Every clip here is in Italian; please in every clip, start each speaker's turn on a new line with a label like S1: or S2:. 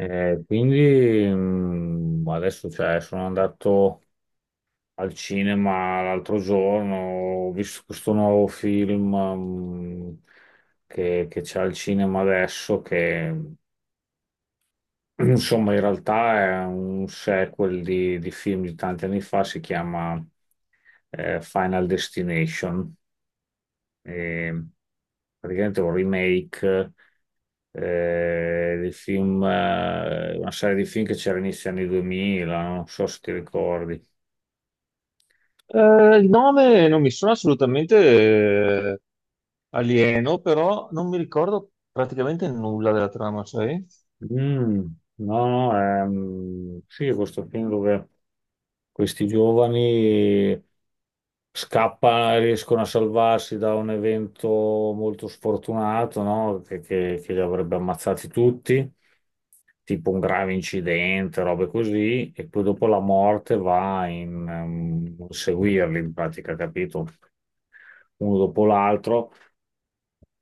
S1: Quindi adesso sono andato al cinema l'altro giorno, ho visto questo nuovo film che c'è al cinema adesso, che insomma in realtà è un sequel di film di tanti anni fa, si chiama Final Destination, e praticamente è un remake dei film, una serie di film che c'era inizio anni 2000, non so se ti ricordi.
S2: Il nome non mi sono assolutamente alieno, però non mi ricordo praticamente nulla della trama, sai?
S1: Mm, no, no, sì, questo film dove questi giovani scappano, riescono a salvarsi da un evento molto sfortunato, no? Che, che li avrebbe ammazzati tutti, tipo un grave incidente, robe così, e poi dopo la morte va in, seguirli, in pratica, capito? Uno dopo l'altro,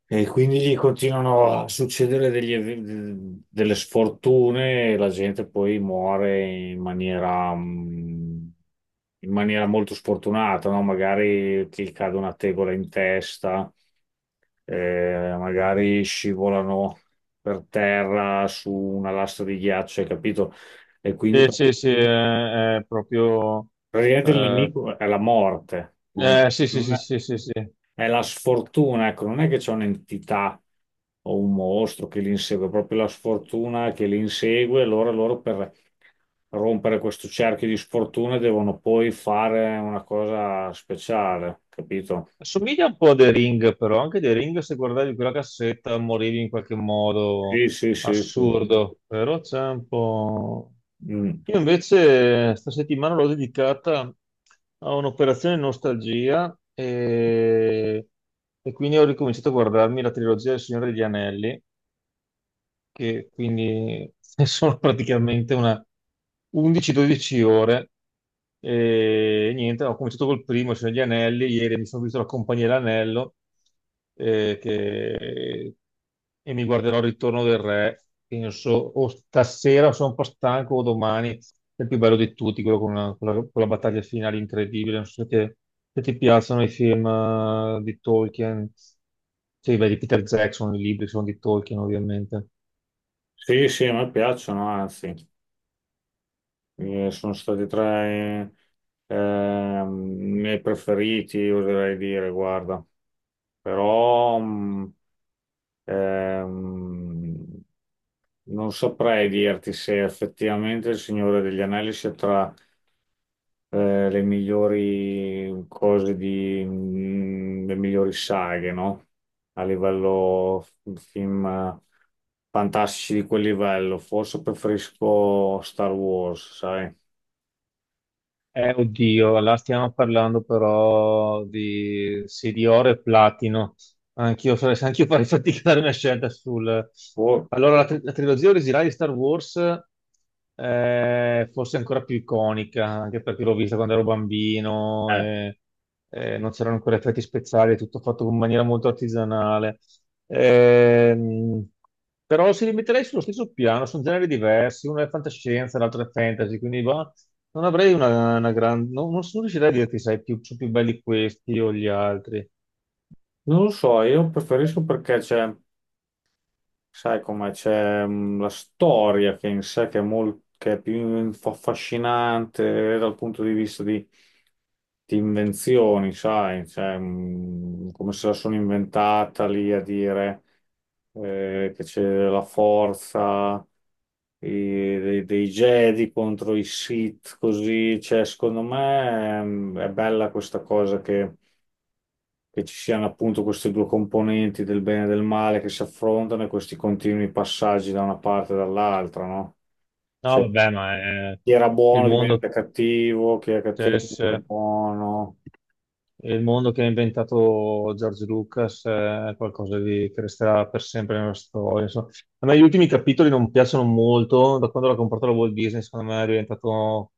S1: e quindi gli continuano a succedere delle sfortune e la gente poi muore in maniera, in maniera molto sfortunata, no? Magari ti cade una tegola in testa, magari scivolano per terra su una lastra di ghiaccio, hai capito? E quindi
S2: Sì,
S1: pr-
S2: sì, sì, è proprio.
S1: praticamente il
S2: eh,
S1: nemico è la morte. Non-
S2: sì, sì,
S1: non
S2: sì,
S1: è-
S2: sì, sì, sì.
S1: È la sfortuna, ecco, non è che c'è un'entità o un mostro che li insegue, è proprio la sfortuna che li insegue, allora loro per rompere questo cerchio di sfortuna devono poi fare una cosa speciale, capito?
S2: Assomiglia un po' a The Ring, però anche The Ring, se guardavi quella cassetta, morivi in qualche modo
S1: Sì, sì, sì, sì.
S2: assurdo, però c'è un po'.
S1: Mm.
S2: Io invece sta settimana l'ho dedicata a un'operazione nostalgia e quindi ho ricominciato a guardarmi la trilogia del Signore degli Anelli, che quindi sono praticamente una 11-12 ore. E niente, ho cominciato col primo, cioè gli anelli, ieri mi sono visto la compagnia dell'anello eh, che- e mi guarderò il ritorno del re, penso, o stasera sono un po' stanco o domani. È il più bello di tutti, quello con con la battaglia finale incredibile. Non so se se ti piacciono i film di Tolkien, cioè beh, di Peter Jackson, i libri sono di Tolkien ovviamente.
S1: Sì, sì, a me piacciono, anzi, sono stati tra i i miei preferiti, oserei dire, guarda. Però... Ehm, non saprei dirti se effettivamente Il Signore degli Anelli sia tra le migliori cose di, le migliori saghe, no? A livello f- film fantastici di quel livello. Forse preferisco Star Wars, sai?
S2: Oddio, là stiamo parlando però di, sì, di oro e platino. Anch'io farei anch'io farei fatica a dare una scelta sul.
S1: O-
S2: Allora, la trilogia originale di Star Wars è forse ancora più iconica, anche perché l'ho vista quando ero bambino,
S1: eh,
S2: e non c'erano ancora effetti speciali, è tutto fatto in maniera molto artigianale. Ehm, Però si rimetterei sullo stesso piano, sono generi diversi, uno è fantascienza, l'altro è fantasy, quindi va, non avrei una, grande. Non sono riuscito a dirti, sai, più, sono più belli questi o gli altri.
S1: Non lo so, io preferisco perché c'è. Sai come c'è la storia che in sé che è, che è più affascinante dal punto di vista di invenzioni, sai, cioè, come se la sono inventata lì a dire che c'è la forza dei, dei Jedi contro i Sith, così, cioè, secondo me è bella questa cosa che ci siano appunto queste due componenti del bene e del male che si affrontano e questi continui passaggi da una parte e dall'altra, no?
S2: No,
S1: Cioè,
S2: vabbè, ma è
S1: chi era
S2: il
S1: buono diventa
S2: mondo,
S1: cattivo, chi è cattivo
S2: Tess,
S1: diventa
S2: è
S1: buono.
S2: il mondo che ha inventato George Lucas, è qualcosa di, che resterà per sempre nella storia, insomma. A me gli ultimi capitoli non piacciono molto. Da quando l'ha comprato la Walt Disney, secondo me è diventato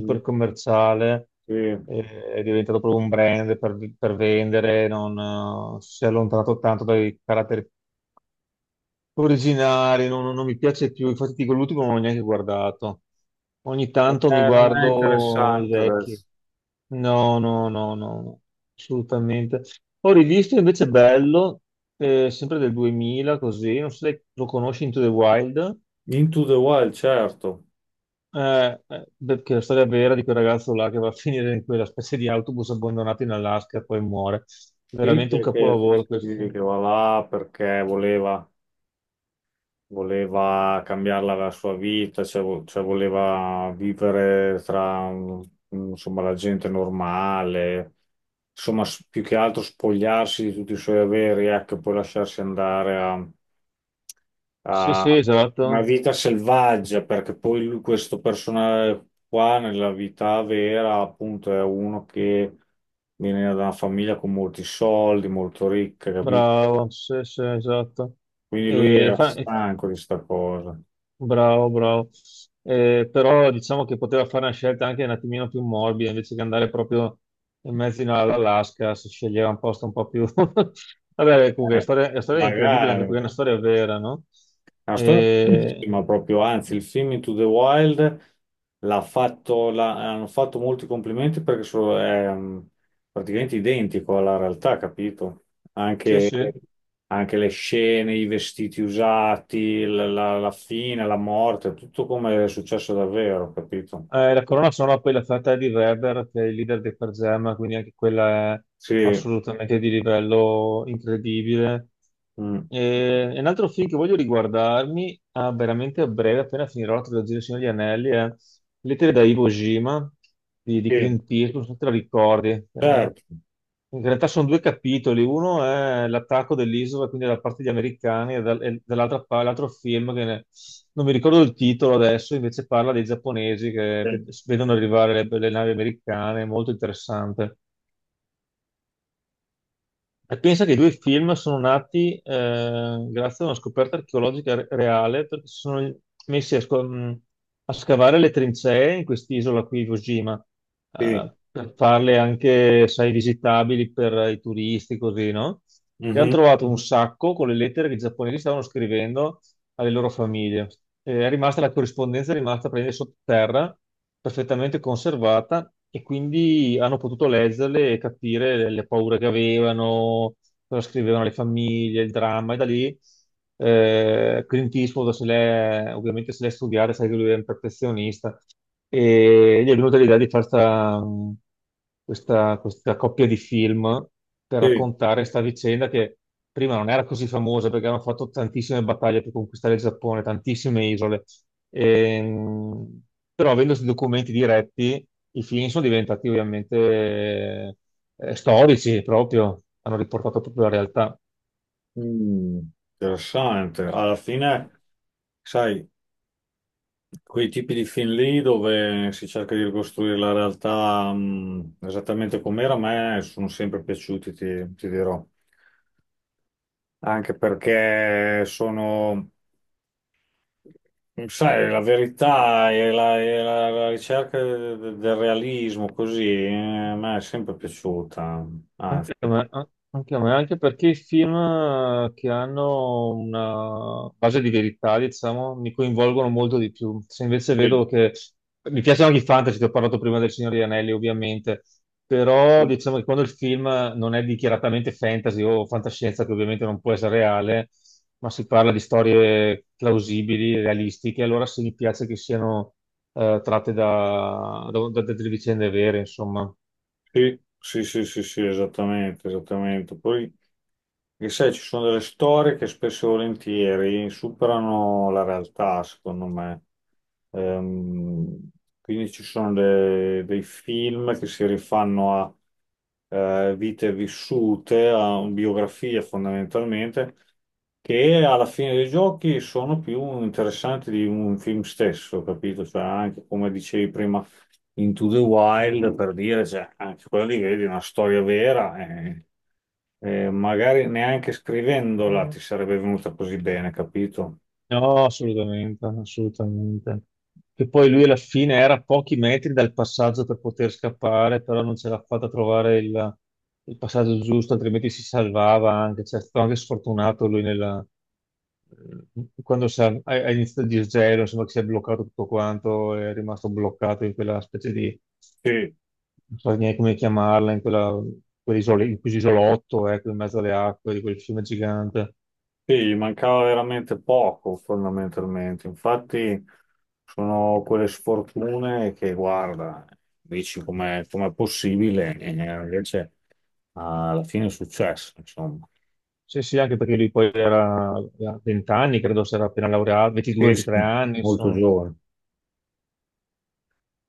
S1: Mm.
S2: commerciale.
S1: Sì.
S2: È diventato proprio un brand per, vendere, non, si è allontanato tanto dai caratteri Originale, Non mi piace più, infatti dico l'ultimo non l'ho neanche guardato. Ogni
S1: Non
S2: tanto mi
S1: è, non è
S2: guardo i
S1: interessante
S2: vecchi.
S1: adesso.
S2: No, no, no, no, no, assolutamente. Ho rivisto invece Bello, sempre del 2000, così, non so se lo conosci, Into the Wild.
S1: Into the Wild, certo.
S2: Beh, che è la storia vera di quel ragazzo là che va a finire in quella specie di autobus abbandonato in Alaska e poi muore.
S1: Sì,
S2: Veramente un
S1: che
S2: capolavoro quel
S1: sì,
S2: film.
S1: che va là perché voleva cambiarla la sua vita, cioè, cioè voleva vivere tra insomma, la gente normale, insomma, più che altro spogliarsi di tutti i suoi averi, ecco, e poi lasciarsi andare a
S2: Sì,
S1: a
S2: sì,
S1: una
S2: esatto.
S1: vita selvaggia, perché poi questo personaggio qua nella vita vera, appunto, è uno che viene da una famiglia con molti soldi, molto ricca, capito?
S2: Bravo, sì, sì, esatto.
S1: Quindi lui
S2: E
S1: era
S2: fa- e-
S1: stanco di sta cosa.
S2: Bravo, bravo. Però diciamo che poteva fare una scelta anche un attimino più morbida, invece che andare proprio in mezzo all'Alaska, si sceglieva un posto un po' più. Vabbè, comunque, la
S1: Eh,
S2: storia, la storia è incredibile anche
S1: magari
S2: perché è
S1: è
S2: una storia vera, no?
S1: una storia
S2: E-
S1: bellissima proprio, anzi, il film Into the Wild hanno fatto molti complimenti perché è praticamente identico alla realtà, capito?
S2: Sì,
S1: Anche,
S2: sì.
S1: anche le scene, i vestiti usati, la, la fine, la morte, tutto come è successo davvero, capito?
S2: La colonna sonora poi l'ha fatta Eddie Vedder, che è il leader dei Pearl Jam, quindi anche quella è
S1: Sì,
S2: assolutamente di livello incredibile.
S1: mm,
S2: E un altro film che voglio riguardarmi a veramente a breve, appena finirò la trilogia del Signore degli Anelli, è Lettere da Iwo Jima di
S1: sì,
S2: Clint Eastwood, non so se te la ricordi.
S1: certo,
S2: In realtà sono due capitoli, uno è l'attacco dell'isola, quindi da parte degli americani, e dall'altra l'altro film non mi ricordo il titolo adesso, invece parla dei giapponesi che
S1: sì,
S2: vedono arrivare le navi americane, è molto interessante. E pensa che i due film sono nati, grazie a una scoperta archeologica reale, perché si sono messi a, a scavare le trincee in quest'isola qui, Iwo Jima,
S1: sì,
S2: per farle anche, sai, visitabili per i turisti, così, no? E hanno
S1: mhm,
S2: trovato un sacco con le lettere che i giapponesi stavano scrivendo alle loro famiglie. È rimasta la corrispondenza, è rimasta prendere sottoterra, perfettamente conservata, e quindi hanno potuto leggerle e capire le paure che avevano, cosa scrivevano le famiglie, il dramma, e da lì, Clint Eastwood se l'è, ovviamente se l'è studiata, sai che lui è un perfezionista, e gli è venuta l'idea di fare questa, coppia di film per
S1: sì.
S2: raccontare questa vicenda che prima non era così famosa perché hanno fatto tantissime battaglie per conquistare il Giappone, tantissime isole. Ehm, Però avendo questi documenti diretti, i film sono diventati ovviamente, storici proprio, hanno riportato proprio la realtà.
S1: Mm, interessante. Alla fine, sai, quei tipi di film lì dove si cerca di ricostruire la realtà, esattamente com'era, a me sono sempre piaciuti, ti dirò. Anche perché sono, sai, la verità e la, la ricerca del realismo, così, a me è sempre piaciuta. Anzi,
S2: Anche a me, anche a me, anche perché i film che hanno una base di verità, diciamo, mi coinvolgono molto di più. Se invece vedo che mi piacciono anche i fantasy, ti ho parlato prima del Signore degli Anelli, ovviamente, però
S1: sì.
S2: diciamo che quando il film non è dichiaratamente fantasy o fantascienza, che ovviamente non può essere reale, ma si parla di storie plausibili, realistiche, allora sì, mi piace che siano tratte da delle vicende vere, insomma.
S1: Sì, sì, sì, sì, sì, esattamente, esattamente. Poi, che sai, ci sono delle storie che spesso e volentieri superano la realtà, secondo me. Ehm, quindi ci sono dei film che si rifanno a vite vissute, a biografie fondamentalmente, che alla fine dei giochi sono più interessanti di un film stesso, capito? Cioè, anche come dicevi prima. Into the Wild per dire, cioè, anche quella lì vedi è una storia vera e magari neanche scrivendola ti sarebbe venuta così bene, capito?
S2: No, assolutamente, assolutamente. Che poi lui alla fine era a pochi metri dal passaggio per poter scappare, però non ce l'ha fatta a trovare il passaggio giusto, altrimenti si salvava anche. Cioè, è stato anche sfortunato lui eh, quando ha iniziato il disgelo, insomma, che si è bloccato tutto quanto, è rimasto bloccato in quella specie di,
S1: Sì,
S2: non so neanche come chiamarla, in quella, in quell'isolotto, ecco, in mezzo alle acque di quel fiume gigante.
S1: sì, gli mancava veramente poco fondamentalmente. Infatti sono quelle sfortune che guarda, dici com'è possibile e invece alla fine è successo, insomma.
S2: Sì, sì, anche perché lui poi era a 20 anni, credo si era appena laureato,
S1: Sì, sì,
S2: 22-23 anni,
S1: molto
S2: insomma,
S1: giovane.